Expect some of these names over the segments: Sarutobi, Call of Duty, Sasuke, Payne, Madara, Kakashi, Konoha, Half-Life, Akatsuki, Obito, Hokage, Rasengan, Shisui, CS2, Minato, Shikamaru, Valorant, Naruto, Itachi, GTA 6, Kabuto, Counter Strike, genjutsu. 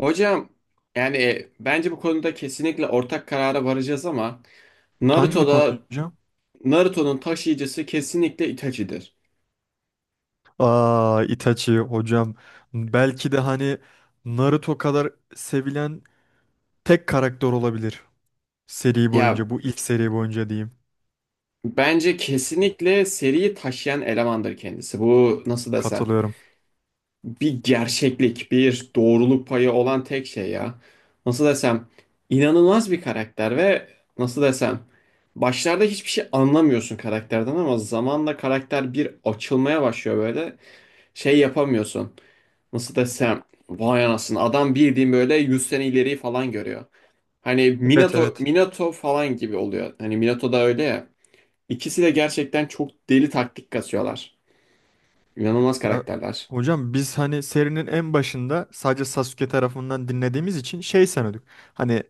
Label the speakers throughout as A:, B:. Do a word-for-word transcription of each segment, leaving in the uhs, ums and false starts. A: Hocam yani e, bence bu konuda kesinlikle ortak karara varacağız ama
B: Hangi konu
A: Naruto'da
B: hocam?
A: Naruto'nun taşıyıcısı kesinlikle Itachi'dir.
B: Aa, Itachi hocam. Belki de hani Naruto kadar sevilen tek karakter olabilir. Seri
A: Ya
B: boyunca, bu ilk seri boyunca diyeyim.
A: bence kesinlikle seriyi taşıyan elemandır kendisi. Bu nasıl desem
B: Katılıyorum.
A: bir gerçeklik, bir doğruluk payı olan tek şey ya. Nasıl desem inanılmaz bir karakter ve nasıl desem başlarda hiçbir şey anlamıyorsun karakterden ama zamanla karakter bir açılmaya başlıyor böyle şey yapamıyorsun. Nasıl desem vay anasını adam bildiğin böyle yüz sene ileriyi falan görüyor. Hani
B: Evet,
A: Minato
B: evet.
A: Minato falan gibi oluyor. Hani Minato da öyle ya. İkisi de gerçekten çok deli taktik kasıyorlar. İnanılmaz
B: Ya
A: karakterler.
B: hocam biz hani serinin en başında sadece Sasuke tarafından dinlediğimiz için şey sanıyorduk. Hani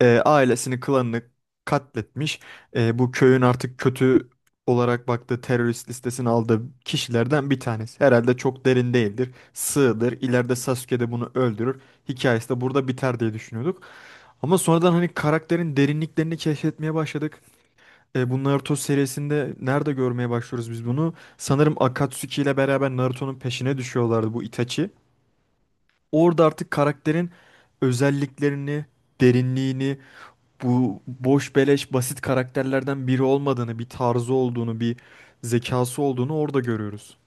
B: e, ailesini, klanını katletmiş. E, bu köyün artık kötü olarak baktığı terörist listesini aldığı kişilerden bir tanesi. Herhalde çok derin değildir. Sığdır. İleride Sasuke de bunu öldürür. Hikayesi de burada biter diye düşünüyorduk. Ama sonradan hani karakterin derinliklerini keşfetmeye başladık. E, bu Naruto serisinde nerede görmeye başlıyoruz biz bunu? Sanırım Akatsuki ile beraber Naruto'nun peşine düşüyorlardı bu Itachi. Orada artık karakterin özelliklerini, derinliğini, bu boş beleş basit karakterlerden biri olmadığını, bir tarzı olduğunu, bir zekası olduğunu orada görüyoruz.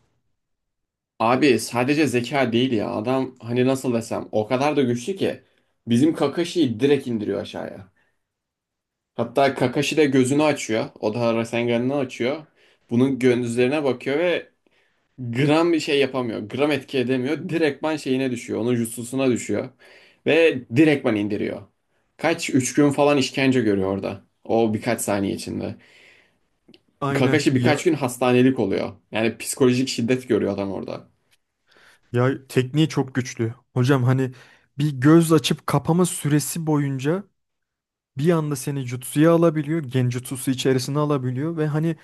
A: Abi sadece zeka değil ya. Adam hani nasıl desem o kadar da güçlü ki bizim Kakashi'yi direkt indiriyor aşağıya. Hatta Kakashi de gözünü açıyor. O da Rasengan'ını açıyor. Bunun gözlerine bakıyor ve gram bir şey yapamıyor. Gram etki edemiyor. Direktman şeyine düşüyor. Onun jutsusuna düşüyor. Ve direktman indiriyor. Kaç? Üç gün falan işkence görüyor orada. O birkaç saniye içinde.
B: Aynen.
A: Kakashi birkaç
B: Ya
A: gün hastanelik oluyor. Yani psikolojik şiddet görüyor adam orada.
B: ya tekniği çok güçlü. Hocam hani bir göz açıp kapama süresi boyunca bir anda seni jutsuya alabiliyor, genjutsusu içerisine alabiliyor ve hani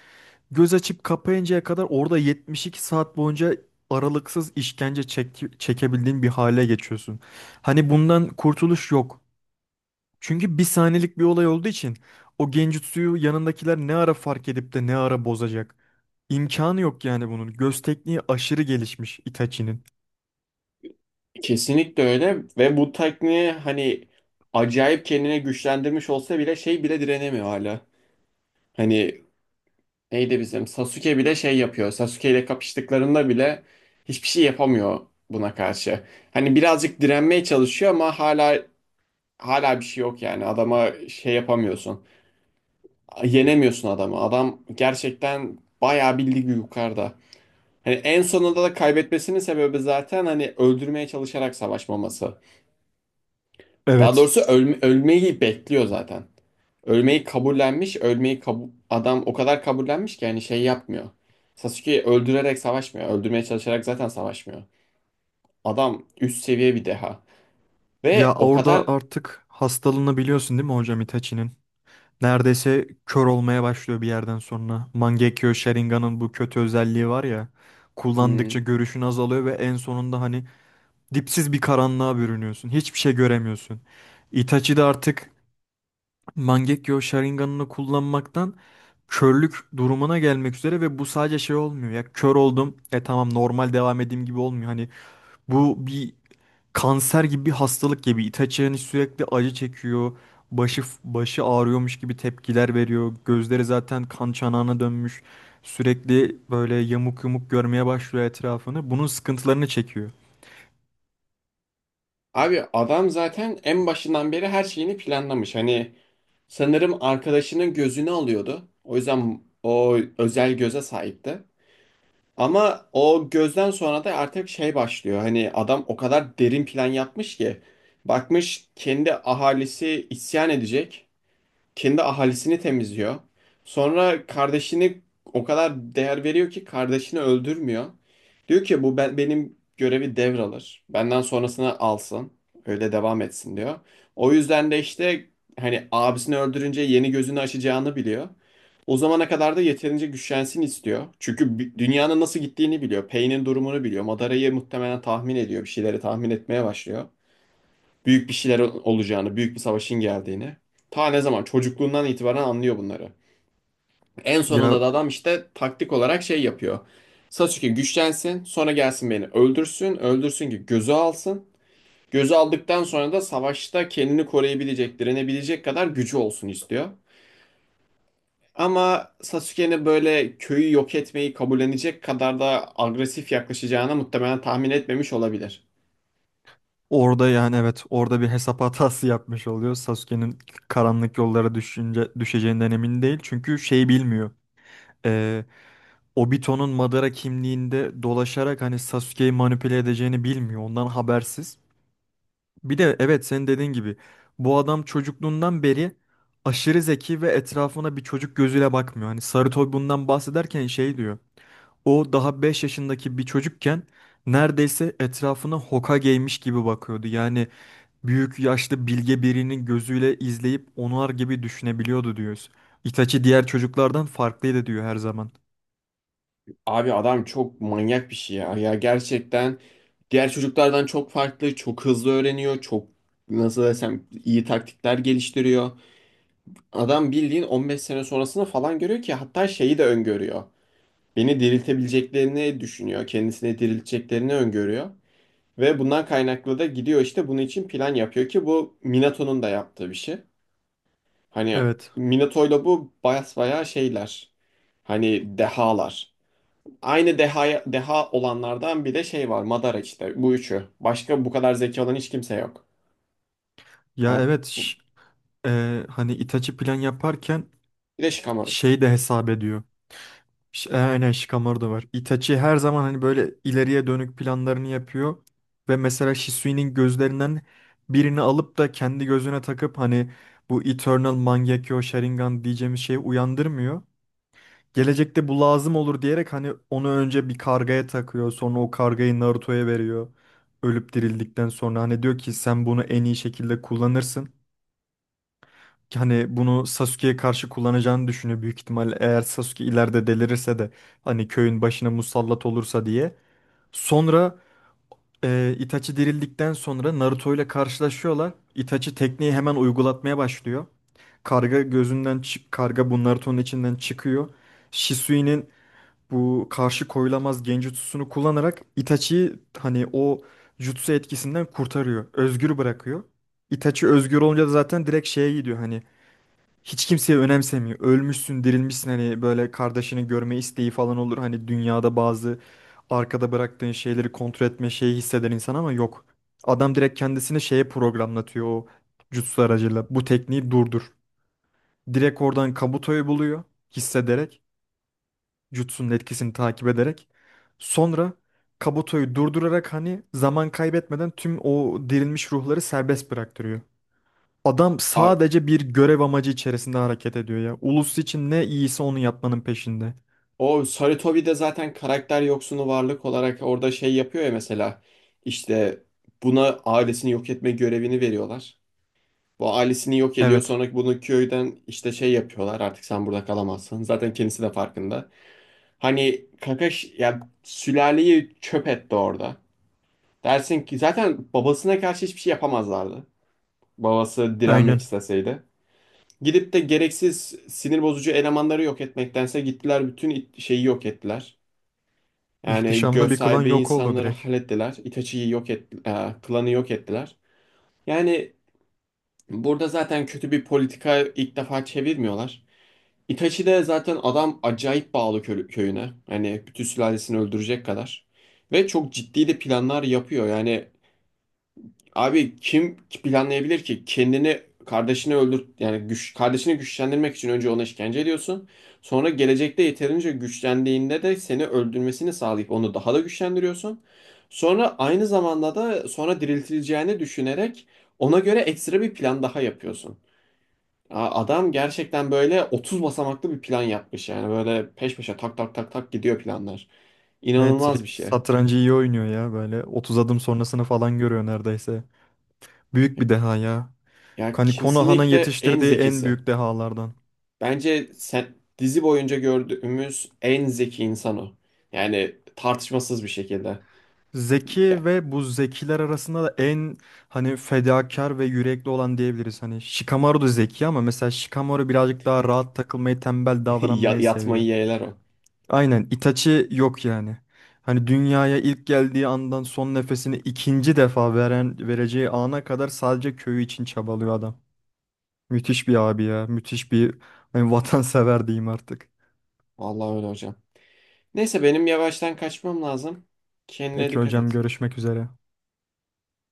B: göz açıp kapayıncaya kadar orada yetmiş iki saat boyunca aralıksız işkence çek çekebildiğin bir hale geçiyorsun. Hani bundan kurtuluş yok. Çünkü bir saniyelik bir olay olduğu için o genjutsuyu yanındakiler ne ara fark edip de ne ara bozacak. İmkanı yok yani bunun. Göz tekniği aşırı gelişmiş Itachi'nin.
A: Kesinlikle öyle ve bu tekniği hani acayip kendine güçlendirmiş olsa bile şey bile direnemiyor hala. Hani neydi bizim Sasuke bile şey yapıyor. Sasuke ile kapıştıklarında bile hiçbir şey yapamıyor buna karşı. Hani birazcık direnmeye çalışıyor ama hala hala bir şey yok yani. Adama şey yapamıyorsun. Yenemiyorsun adamı. Adam gerçekten bayağı bir lig yukarıda. Hani en sonunda da kaybetmesinin sebebi zaten hani öldürmeye çalışarak savaşmaması. Daha
B: Evet.
A: doğrusu ölme- ölmeyi bekliyor zaten. Ölmeyi kabullenmiş. Ölmeyi kabu- adam o kadar kabullenmiş ki yani şey yapmıyor. Sasuke öldürerek savaşmıyor. Öldürmeye çalışarak zaten savaşmıyor. Adam üst seviye bir deha.
B: Ya
A: Ve o
B: orada
A: kadar.
B: artık hastalığını biliyorsun değil mi hocam, Itachi'nin? Neredeyse kör olmaya başlıyor bir yerden sonra. Mangekyo Sharingan'ın bu kötü özelliği var ya. Kullandıkça
A: Hmm.
B: görüşün azalıyor ve en sonunda hani dipsiz bir karanlığa bürünüyorsun. Hiçbir şey göremiyorsun. Itachi de artık Mangekyo Sharingan'ını kullanmaktan körlük durumuna gelmek üzere ve bu sadece şey olmuyor. Ya kör oldum. E tamam normal devam edeyim gibi olmuyor. Hani bu bir kanser gibi bir hastalık gibi. Itachi hani sürekli acı çekiyor. Başı başı ağrıyormuş gibi tepkiler veriyor. Gözleri zaten kan çanağına dönmüş. Sürekli böyle yamuk yumuk görmeye başlıyor etrafını. Bunun sıkıntılarını çekiyor.
A: Abi adam zaten en başından beri her şeyini planlamış. Hani sanırım arkadaşının gözünü alıyordu. O yüzden o özel göze sahipti. Ama o gözden sonra da artık şey başlıyor. Hani adam o kadar derin plan yapmış ki bakmış kendi ahalisi isyan edecek. Kendi ahalisini temizliyor. Sonra kardeşini o kadar değer veriyor ki kardeşini öldürmüyor. Diyor ki bu ben, benim görevi devralır. Benden sonrasını alsın. Öyle devam etsin diyor. O yüzden de işte hani abisini öldürünce yeni gözünü açacağını biliyor. O zamana kadar da yeterince güçlensin istiyor. Çünkü bi- dünyanın nasıl gittiğini biliyor. Payne'in durumunu biliyor. Madara'yı muhtemelen tahmin ediyor. Bir şeyleri tahmin etmeye başlıyor, büyük bir şeyler olacağını, büyük bir savaşın geldiğini. Ta ne zaman? Çocukluğundan itibaren anlıyor bunları. En
B: Ya
A: sonunda da adam işte taktik olarak şey yapıyor. Sasuke güçlensin, sonra gelsin beni öldürsün, öldürsün ki gözü alsın. Gözü aldıktan sonra da savaşta kendini koruyabilecek, direnebilecek kadar gücü olsun istiyor. Ama Sasuke'nin böyle köyü yok etmeyi kabullenecek kadar da agresif yaklaşacağına muhtemelen tahmin etmemiş olabilir.
B: orada yani evet orada bir hesap hatası yapmış oluyor. Sasuke'nin karanlık yollara düşünce, düşeceğinden emin değil. Çünkü şey bilmiyor. Ee, Obito'nun Madara kimliğinde dolaşarak hani Sasuke'yi manipüle edeceğini bilmiyor. Ondan habersiz. Bir de evet senin dediğin gibi bu adam çocukluğundan beri aşırı zeki ve etrafına bir çocuk gözüyle bakmıyor. Hani Sarıtoy bundan bahsederken şey diyor. O daha beş yaşındaki bir çocukken neredeyse etrafına Hokage'ymiş gibi bakıyordu. Yani büyük yaşlı bilge birinin gözüyle izleyip onar gibi düşünebiliyordu diyoruz. Itachi diğer çocuklardan farklıydı diyor her zaman.
A: Abi adam çok manyak bir şey ya. Ya gerçekten diğer çocuklardan çok farklı, çok hızlı öğreniyor, çok nasıl desem iyi taktikler geliştiriyor. Adam bildiğin on beş sene sonrasını falan görüyor ki hatta şeyi de öngörüyor. Beni diriltebileceklerini düşünüyor, kendisini dirilteceklerini öngörüyor. Ve bundan kaynaklı da gidiyor işte bunun için plan yapıyor ki bu Minato'nun da yaptığı bir şey. Hani
B: Evet.
A: Minato'yla bu basbayağı şeyler. Hani dehalar. Aynı deha, deha olanlardan bir de şey var. Madara işte. Bu üçü. Başka bu kadar zeki olan hiç kimse yok.
B: Ya
A: Ya,
B: evet ş- e, Hani Itachi plan yaparken
A: bir de Shikamaru.
B: şey de hesap ediyor. Ş- e, Aynen, Shikamaru da var. Itachi her zaman hani böyle ileriye dönük planlarını yapıyor. Ve mesela Shisui'nin gözlerinden birini alıp da kendi gözüne takıp hani bu Eternal Mangekyo Sharingan diyeceğimiz şeyi uyandırmıyor. Gelecekte bu lazım olur diyerek hani onu önce bir kargaya takıyor. Sonra o kargayı Naruto'ya veriyor. Ölüp dirildikten sonra hani diyor ki sen bunu en iyi şekilde kullanırsın, hani bunu Sasuke'ye karşı kullanacağını düşünüyor büyük ihtimal, eğer Sasuke ileride delirirse de hani köyün başına musallat olursa diye. Sonra e, Itachi dirildikten sonra Naruto ile karşılaşıyorlar. Itachi tekniği hemen uygulatmaya başlıyor. Karga gözünden çık, karga bu Naruto'nun içinden çıkıyor. Shisui'nin bu karşı koyulamaz Genjutsu'sunu kullanarak Itachi'yi hani o jutsu etkisinden kurtarıyor. Özgür bırakıyor. Itachi özgür olunca da zaten direkt şeye gidiyor, hani hiç kimseye önemsemiyor. Ölmüşsün, dirilmişsin, hani böyle kardeşini görme isteği falan olur. Hani dünyada bazı arkada bıraktığın şeyleri kontrol etme şeyi hisseder insan ama yok. Adam direkt kendisini şeye programlatıyor o jutsu aracıyla. Bu tekniği durdur. Direkt oradan Kabuto'yu buluyor hissederek. Jutsu'nun etkisini takip ederek. Sonra Kabuto'yu durdurarak hani zaman kaybetmeden tüm o dirilmiş ruhları serbest bıraktırıyor. Adam
A: A-
B: sadece bir görev amacı içerisinde hareket ediyor ya. Ulus için ne iyisi onu yapmanın peşinde.
A: o Sarutobi'de zaten karakter yoksunu varlık olarak orada şey yapıyor ya mesela. İşte buna ailesini yok etme görevini veriyorlar. Bu ailesini yok ediyor.
B: Evet,
A: Sonra bunu köyden işte şey yapıyorlar. Artık sen burada kalamazsın. Zaten kendisi de farkında. Hani Kakashi ya sülaleyi çöp etti orada. Dersin ki zaten babasına karşı hiçbir şey yapamazlardı. Babası direnmek
B: aynen.
A: isteseydi. Gidip de gereksiz sinir bozucu elemanları yok etmektense gittiler bütün it- şeyi yok ettiler. Yani
B: İhtişamlı
A: göz
B: bir klan
A: sahibi
B: yok oldu
A: insanları
B: direkt.
A: hallettiler. Itachi'yi yok ettiler. Klanı yok ettiler. Yani burada zaten kötü bir politika ilk defa çevirmiyorlar. Itachi de zaten adam acayip bağlı kö- köyüne. Hani bütün sülalesini öldürecek kadar. Ve çok ciddi de planlar yapıyor. Yani abi kim planlayabilir ki kendini kardeşini öldür yani güç kardeşini güçlendirmek için önce ona işkence ediyorsun. Sonra gelecekte yeterince güçlendiğinde de seni öldürmesini sağlayıp onu daha da güçlendiriyorsun. Sonra aynı zamanda da sonra diriltileceğini düşünerek ona göre ekstra bir plan daha yapıyorsun. Ya, adam gerçekten böyle otuz basamaklı bir plan yapmış yani böyle peş peşe tak tak tak tak gidiyor planlar.
B: Evet,
A: İnanılmaz bir
B: direkt
A: şey.
B: satrancı iyi oynuyor ya böyle. otuz adım sonrasını falan görüyor neredeyse. Büyük bir deha ya.
A: Ya
B: Hani Konoha'nın
A: kesinlikle en
B: yetiştirdiği en
A: zekisi.
B: büyük dehalardan.
A: Bence sen, dizi boyunca gördüğümüz en zeki insan o. Yani tartışmasız bir şekilde. Ya-
B: Zeki ve bu zekiler arasında da en hani fedakar ve yürekli olan diyebiliriz. Hani Shikamaru da zeki ama mesela Shikamaru birazcık daha rahat takılmayı, tembel
A: ya-
B: davranmayı
A: Yatmayı
B: seviyor.
A: yeğler o.
B: Aynen, Itachi yok yani. Hani dünyaya ilk geldiği andan son nefesini ikinci defa veren vereceği ana kadar sadece köyü için çabalıyor adam. Müthiş bir abi ya. Müthiş bir hani vatansever diyeyim artık.
A: Vallahi öyle hocam. Neyse benim yavaştan kaçmam lazım. Kendine
B: Peki
A: dikkat
B: hocam,
A: et.
B: görüşmek üzere.